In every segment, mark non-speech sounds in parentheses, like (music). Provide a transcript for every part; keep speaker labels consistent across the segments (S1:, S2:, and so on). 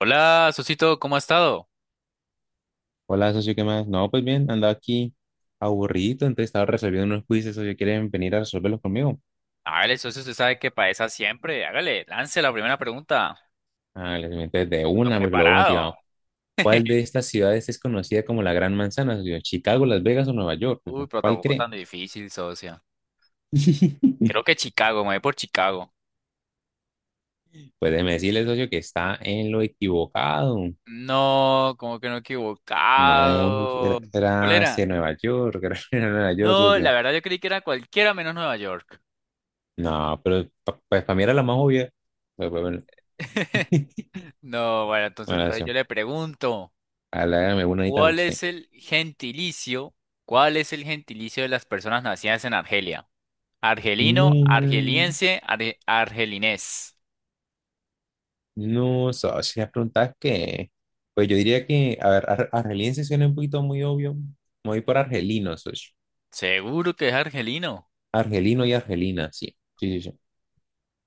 S1: Hola, Socito, ¿cómo ha estado?
S2: Hola, socio, ¿qué más? No, pues bien, andaba aquí aburrido, entonces estaba resolviendo unos quizzes, socio, ¿quieren venir a resolverlos conmigo?
S1: Hágale, socio, usted sabe que para esa siempre. Hágale, lance la primera pregunta.
S2: Ah, les meto de
S1: Ando
S2: una porque lo veo
S1: preparado.
S2: motivado. ¿Cuál de
S1: (laughs)
S2: estas ciudades es conocida como la Gran Manzana, socio? ¿Chicago, Las Vegas o Nueva York?
S1: Uy,
S2: Socio,
S1: pero
S2: ¿cuál
S1: tampoco
S2: cree?
S1: tan difícil, socio.
S2: (laughs)
S1: Creo que Chicago, me voy por Chicago.
S2: Pues déjeme decirle, socio, que está en lo equivocado.
S1: No, como que no he
S2: No, era,
S1: equivocado. ¿Cuál
S2: era
S1: era?
S2: este Nueva York, (laughs) era, Nueva York,
S1: No, la
S2: socio.
S1: verdad yo creí que era cualquiera menos Nueva York.
S2: No, pues para mí era la más obvia. Pero bueno, (laughs)
S1: (laughs) No, bueno, entonces,
S2: bueno,
S1: entonces yo
S2: socio,
S1: le pregunto,
S2: hágame una ahorita a
S1: ¿cuál
S2: usted.
S1: es el gentilicio? ¿Cuál es el gentilicio de las personas nacidas en Argelia? Argelino,
S2: No.
S1: argeliense, argelinés.
S2: No, socio, si las preguntas que, pues yo diría que, a ver, argeliense suena un poquito muy obvio. Me voy por argelino, socio.
S1: Seguro que es argelino.
S2: Argelino y argelina, sí. Sí, sí, sí.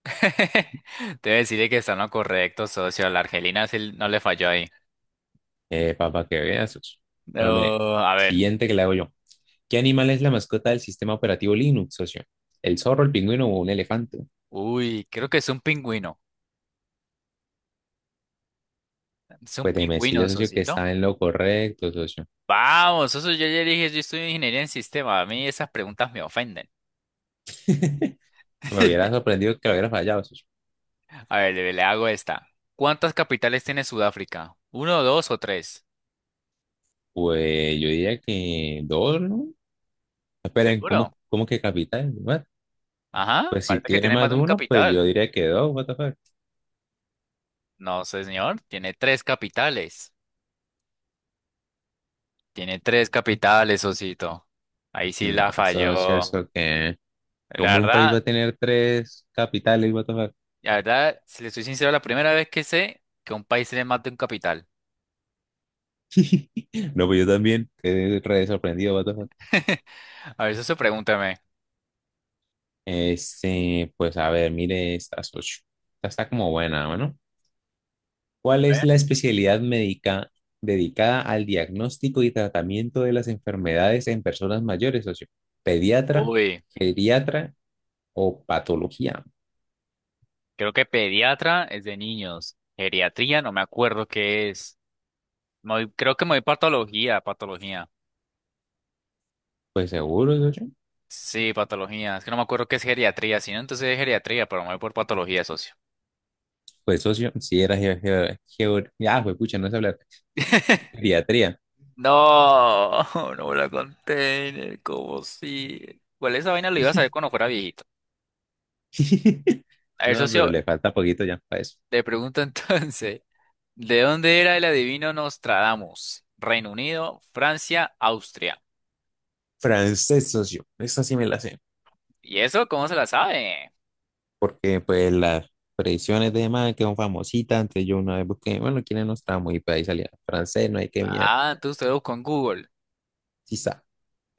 S1: (laughs) Debe decirle que está en lo correcto, socio. La argelina sí no le falló ahí.
S2: Papá, que veas, socio. Bueno, mire,
S1: No, a ver.
S2: siguiente que le hago yo. ¿Qué animal es la mascota del sistema operativo Linux, socio? ¿El zorro, el pingüino o un elefante?
S1: Uy, creo que es un pingüino. Es un
S2: Pues déjeme
S1: pingüino,
S2: decirle, socio, que
S1: socito.
S2: está en lo correcto, socio.
S1: Vamos, socio, yo ya dije, yo estudio ingeniería en sistema. A mí esas preguntas me ofenden.
S2: (laughs) Me hubiera
S1: (laughs)
S2: sorprendido que lo hubiera fallado, socio.
S1: A ver, le hago esta. ¿Cuántas capitales tiene Sudáfrica? ¿Uno, dos o tres?
S2: Pues yo diría que dos, ¿no? Esperen,
S1: ¿Seguro?
S2: ¿cómo que capital? ¿What?
S1: Ajá,
S2: Pues si
S1: falta que
S2: tiene
S1: tiene más
S2: más
S1: de
S2: de
S1: un
S2: uno, pues yo
S1: capital.
S2: diría que dos, what the fuck.
S1: No, señor, tiene tres capitales. Tiene tres capitales, Osito. Ahí sí
S2: No,
S1: la falló.
S2: eso, eso,
S1: No.
S2: eso que...
S1: La
S2: Como un país va
S1: verdad,
S2: a tener tres capitales, what the fuck.
S1: la verdad, si le soy sincero, la primera vez que sé que a un país se le mata un capital.
S2: (laughs) No, pues yo también, quedé re sorprendido, what the fuck.
S1: (laughs) A ver, eso pregúntame.
S2: Este, pues a ver, mire estas ocho. Esta está como buena, bueno. ¿Cuál es la especialidad médica dedicada al diagnóstico y tratamiento de las enfermedades en personas mayores, socio? ¿Pediatra,
S1: Uy,
S2: geriatra o patología?
S1: creo que pediatra es de niños. Geriatría, no me acuerdo qué es. Creo que me voy patología, patología.
S2: Pues seguro, socio.
S1: Sí, patología. Es que no me acuerdo qué es geriatría, si no entonces es geriatría, pero me voy por patología, socio.
S2: Pues socio, sí, era ah, fue pucha, no sé hablar.
S1: (laughs)
S2: Geriatría.
S1: No, (laughs) no me la container, como si. Bueno, esa vaina lo iba a saber cuando fuera viejito.
S2: (laughs)
S1: A ver,
S2: No, pero
S1: socio,
S2: le falta poquito ya para eso.
S1: le pregunto (laughs) entonces, ¿de dónde era el adivino Nostradamus? Reino Unido, Francia, Austria.
S2: Francés, socio. Esta sí me la sé.
S1: ¿Y eso cómo se la sabe?
S2: Porque pues las predicciones de más que son famositas. Antes yo una vez busqué, bueno, quiénes no estábamos y pues ahí salía. Francés, no hay que mirar.
S1: Ah, entonces usted lo buscó en Google.
S2: Quizá.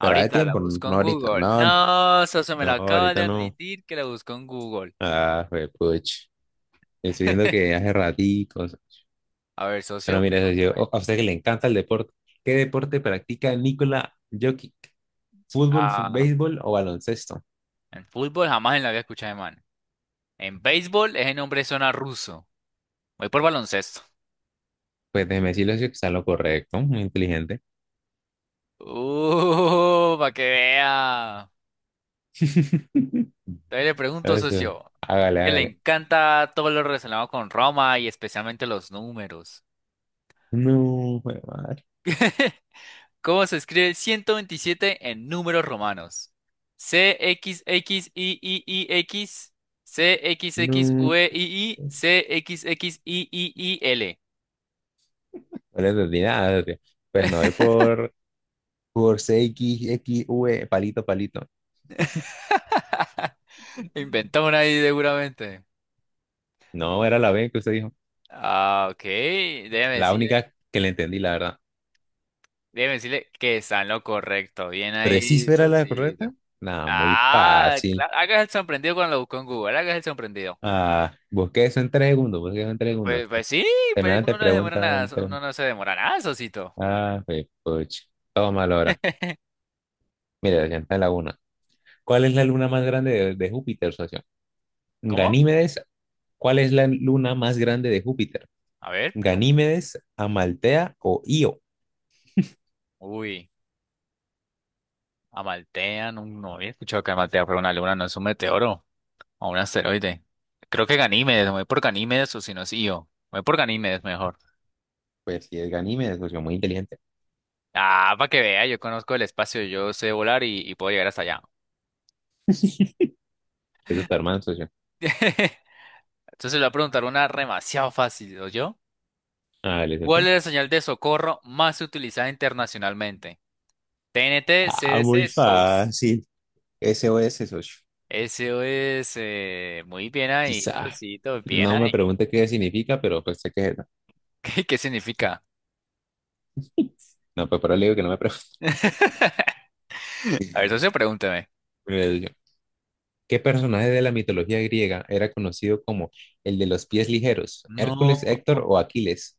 S2: Pero hay
S1: la
S2: tiempo, no
S1: busco
S2: no
S1: en
S2: ahorita,
S1: Google.
S2: no, no,
S1: No, socio, me lo
S2: no,
S1: acaba de
S2: ahorita no.
S1: admitir que la busco en Google.
S2: Ah, fue pucha. Estoy viendo que
S1: (laughs)
S2: hace raticos.
S1: A ver,
S2: Pero
S1: socio,
S2: mira, socio,
S1: pregúntame.
S2: a usted que le encanta el deporte. ¿Qué deporte practica Nikola Jokic? ¿Fútbol,
S1: Ah,
S2: béisbol o baloncesto?
S1: en fútbol jamás en la había escuchado de man. En béisbol es el nombre zona ruso. Voy por baloncesto.
S2: Pues déjeme decirle si está en lo correcto, muy inteligente.
S1: Para que vea. Todavía le pregunto,
S2: Eso,
S1: socio,
S2: hágale,
S1: que le
S2: hágale.
S1: encanta todo lo relacionado con Roma y especialmente los números.
S2: No, jue madre,
S1: ¿Cómo se escribe 127 en números romanos? CXXIIIX,
S2: no.
S1: CXXVII, CXXIIIL.
S2: No le entendí nada, tío. Pues por C x x CXXV, palito, palito.
S1: (laughs) Inventó una ahí seguramente.
S2: No, era la B que usted dijo.
S1: Ah, ok, déjame
S2: La
S1: decir.
S2: única que le entendí, la verdad.
S1: Déjeme decirle que está en lo correcto. Bien
S2: ¿Pero sí
S1: ahí,
S2: era la
S1: Sosito.
S2: correcta? Nada, muy
S1: Ah,
S2: fácil.
S1: claro, hagas el sorprendido cuando lo buscó en Google, hagas el sorprendido.
S2: Ah, busqué eso en tres segundos, busqué eso en tres segundos.
S1: Pues sí, pues
S2: Semejante
S1: uno no se demora
S2: pregunta.
S1: nada,
S2: En tres-
S1: uno no se demora nada, Sosito.
S2: Ah, pues, puch. Todo mal ahora.
S1: (laughs)
S2: Mira, ya está en la una. ¿Cuál es la luna más grande de Júpiter, socio?
S1: ¿Cómo?
S2: Ganímedes. ¿Cuál es la luna más grande de Júpiter?
S1: A ver, pregunta.
S2: Ganímedes, Amaltea o Io.
S1: Uy, Amaltea, no, no había escuchado que Amaltea fuera una luna, no es un meteoro o un asteroide. Creo que Ganímedes, me voy por Ganímedes o si no es Io. Me voy por Ganímedes mejor.
S2: Pues si es Ganímedes, socio, muy inteligente.
S1: Ah, para que vea, yo conozco el espacio, yo sé volar y puedo llegar hasta allá.
S2: Es Superman, socio.
S1: (laughs) Entonces le voy a preguntar una demasiado fácil, yo?
S2: Ah, ¿le
S1: ¿Cuál
S2: socio?
S1: es la señal de socorro más utilizada internacionalmente? T T N T, C
S2: Ah,
S1: TNT, CDC,
S2: muy
S1: SOS.
S2: fácil. SOS, socio.
S1: SOS. Muy bien ahí,
S2: Quizá.
S1: Sosito, bien
S2: No me
S1: ahí.
S2: pregunte qué significa, pero pues sé que es eso.
S1: (laughs) ¿Qué, qué significa?
S2: No, pues por ahora le digo que no me pregunte.
S1: (laughs) A ver, socio,
S2: (laughs)
S1: pregúnteme.
S2: Mire, socio, ¿qué personaje de la mitología griega era conocido como el de los pies ligeros?
S1: No.
S2: ¿Hércules, Héctor o Aquiles?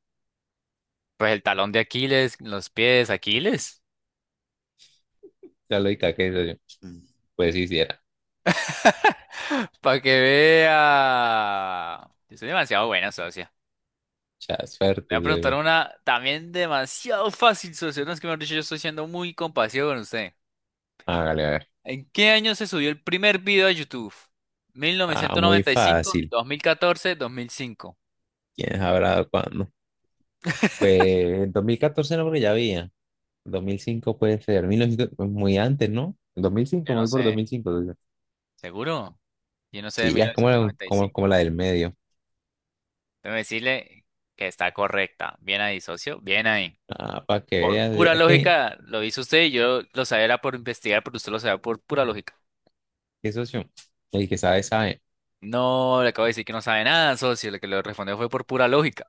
S1: Pues el talón de Aquiles, los pies, Aquiles.
S2: La lógica que eso yo. Mm. Pues hiciera.
S1: (gasps) (laughs) Para que vea. Yo soy demasiado buena, socia.
S2: Ya,
S1: Le voy
S2: suerte,
S1: a
S2: eso
S1: preguntar
S2: yo.
S1: una también demasiado fácil, socio. No es que me han dicho, yo estoy siendo muy compasivo con usted.
S2: Hágale, a ver.
S1: ¿En qué año se subió el primer video a YouTube? Mil
S2: Ah,
S1: novecientos
S2: muy
S1: noventa y cinco,
S2: fácil.
S1: 2014, 2005.
S2: ¿Quién sabrá cuándo? Pues en 2014 no, porque ya había. Dos mil cinco puede ser. 1900, pues, muy antes, ¿no? Dos mil cinco,
S1: Yo no
S2: voy por
S1: sé,
S2: 2005, socio.
S1: ¿seguro? Yo no sé de
S2: Sí,
S1: mil
S2: ya es como
S1: novecientos
S2: la,
S1: noventa y
S2: como, como la
S1: cinco.
S2: del medio.
S1: Déjame decirle que está correcta. Bien ahí, socio, bien ahí.
S2: Ah, para que veas.
S1: Pura
S2: Es que,
S1: lógica, lo hizo usted y yo lo sabía era por investigar, pero usted lo sabía por pura lógica.
S2: qué socio. El que sabe, sabe.
S1: No, le acabo de decir que no sabe nada, socio. Lo que le respondió fue por pura lógica.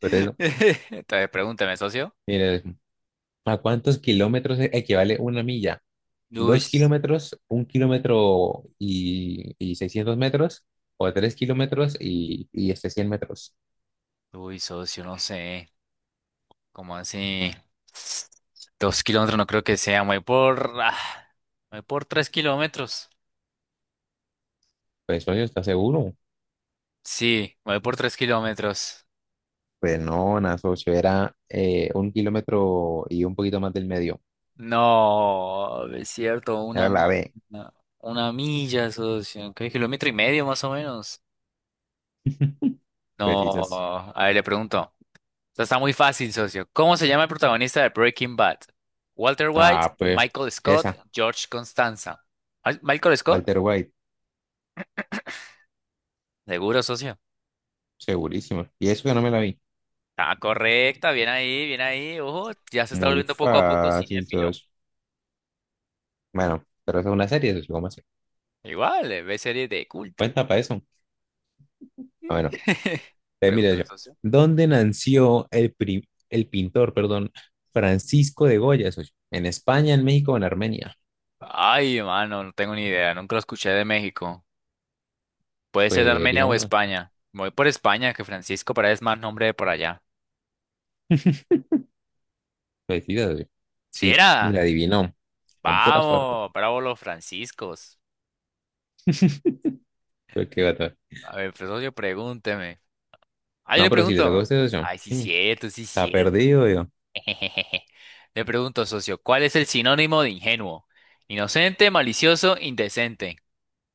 S2: Por eso,
S1: (laughs) Entonces, pregúnteme, socio.
S2: mire, ¿a cuántos kilómetros equivale una milla?
S1: Uy,
S2: Dos kilómetros, un kilómetro y 600 metros, o tres kilómetros y 100 metros.
S1: uy, socio, no sé. Como así, 2 kilómetros no creo que sea. Me voy por, ah, me voy por 3 kilómetros.
S2: Pues, socio, ¿estás seguro?
S1: Sí, me voy por tres kilómetros.
S2: Pues no, nada, socio, era un kilómetro y un poquito más del medio.
S1: No, es cierto,
S2: Era la B.
S1: una milla, socio. ¿Qué kilómetro y medio más o menos?
S2: (laughs) Pues
S1: No,
S2: quizás.
S1: a ver, le pregunto. Esta está muy fácil, socio. ¿Cómo se llama el protagonista de Breaking Bad? Walter White,
S2: Ah, pues
S1: Michael Scott,
S2: esa,
S1: George Constanza. ¿Michael Scott?
S2: Walter White,
S1: Seguro, socio.
S2: segurísimo. Y eso que no me la vi.
S1: Ah, correcta, bien ahí, bien ahí. Ojo, ya se está
S2: Muy
S1: volviendo poco a poco
S2: fácil,
S1: cinéfilo.
S2: socio. Bueno, pero esa es una serie, socio, ¿cómo así?
S1: Igual, ve series de culto.
S2: Cuenta para eso. Ah,
S1: Mm.
S2: bueno,
S1: (laughs)
S2: eh, mira yo.
S1: Pregúntame, socio.
S2: ¿Dónde nació el, el pintor, perdón, Francisco de Goya, socio? ¿En España, en México o en Armenia?
S1: Ay, mano, no tengo ni idea, nunca lo escuché de México. Puede ser de
S2: Pues
S1: Armenia
S2: elija
S1: o
S2: una.
S1: España. Me Voy por España, que Francisco Paredes más nombre de por allá.
S2: (laughs) Felicidades, socio.
S1: ¿Sí
S2: Sí,
S1: era?
S2: la adivinó. Con pura suerte.
S1: Vamos, bravo los franciscos.
S2: Pero qué gata.
S1: A ver, pues, socio, pregúnteme. Ah, yo
S2: No,
S1: le
S2: pero si le toca a
S1: pregunto.
S2: usted, socio.
S1: Ay, sí,
S2: Sí,
S1: cierto, sí,
S2: está
S1: cierto.
S2: perdido, yo.
S1: (laughs) Le pregunto, socio, ¿cuál es el sinónimo de ingenuo? Inocente, malicioso, indecente.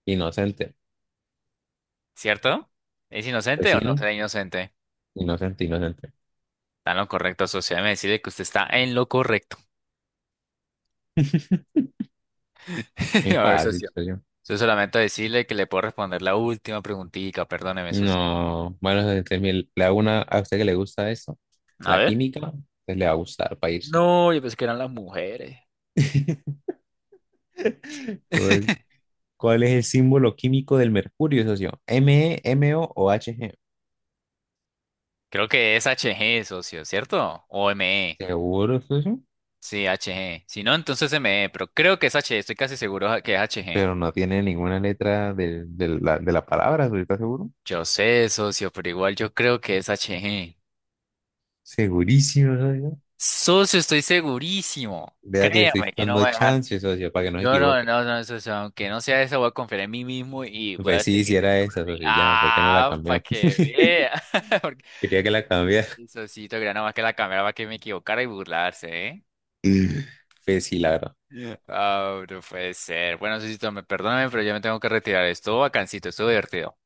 S2: Inocente.
S1: ¿Cierto? ¿Es
S2: Pues
S1: inocente
S2: sí,
S1: o no
S2: ¿no?
S1: será inocente?
S2: Inocente, inocente.
S1: Está en lo correcto, socio. Déjeme decirle que usted está en lo correcto.
S2: (laughs) Muy
S1: (laughs) A ver,
S2: fácil,
S1: socio.
S2: socio.
S1: Yo solamente decirle que le puedo responder la última preguntita. Perdóneme, socio.
S2: No. Bueno, socio, entonces, mire, le hago una a usted que le gusta eso.
S1: A
S2: La
S1: ver.
S2: química, pues le va a gustar para irse.
S1: No, yo pensé que eran las mujeres.
S2: (laughs) Ok,
S1: (laughs)
S2: ¿cuál es el símbolo químico del mercurio, socio? M, M, O o H, G.
S1: Creo que es HG, socio, ¿cierto? O ME.
S2: ¿Seguro, socio?
S1: Sí, HG. Si no, entonces ME, pero creo que es HG. Estoy casi seguro que es HG.
S2: Pero no tiene ninguna letra de la palabra, socio, ¿estás seguro?
S1: Yo sé, socio, pero igual yo creo que es HG.
S2: Segurísimo, socio.
S1: Socio, estoy segurísimo.
S2: Vea que le estoy
S1: Créame que no
S2: dando
S1: va a dejar.
S2: chance, socio, para que no se
S1: Yo no,
S2: equivoque.
S1: no, no, socio, aunque no sea eso, voy a confiar en mí mismo y voy
S2: Pues
S1: a
S2: sí, si
S1: seguir de
S2: era
S1: siempre en
S2: esa,
S1: mí.
S2: socio, ya, ¿por qué no la
S1: Ah, para
S2: cambió?
S1: que
S2: (laughs)
S1: vea. (laughs) Porque
S2: Quería que la cambiara.
S1: el socito quería nada más que la cámara para que me equivocara y burlarse, ¿eh?
S2: (laughs) Pues sí, la verdad.
S1: Ah, no puede ser. Bueno, socito, me perdóname, pero ya me tengo que retirar. Estuvo bacancito, estuvo divertido.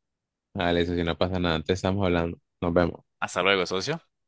S2: Vale, socio, no pasa nada, entonces estamos hablando. Nos vemos.
S1: Hasta luego, socio.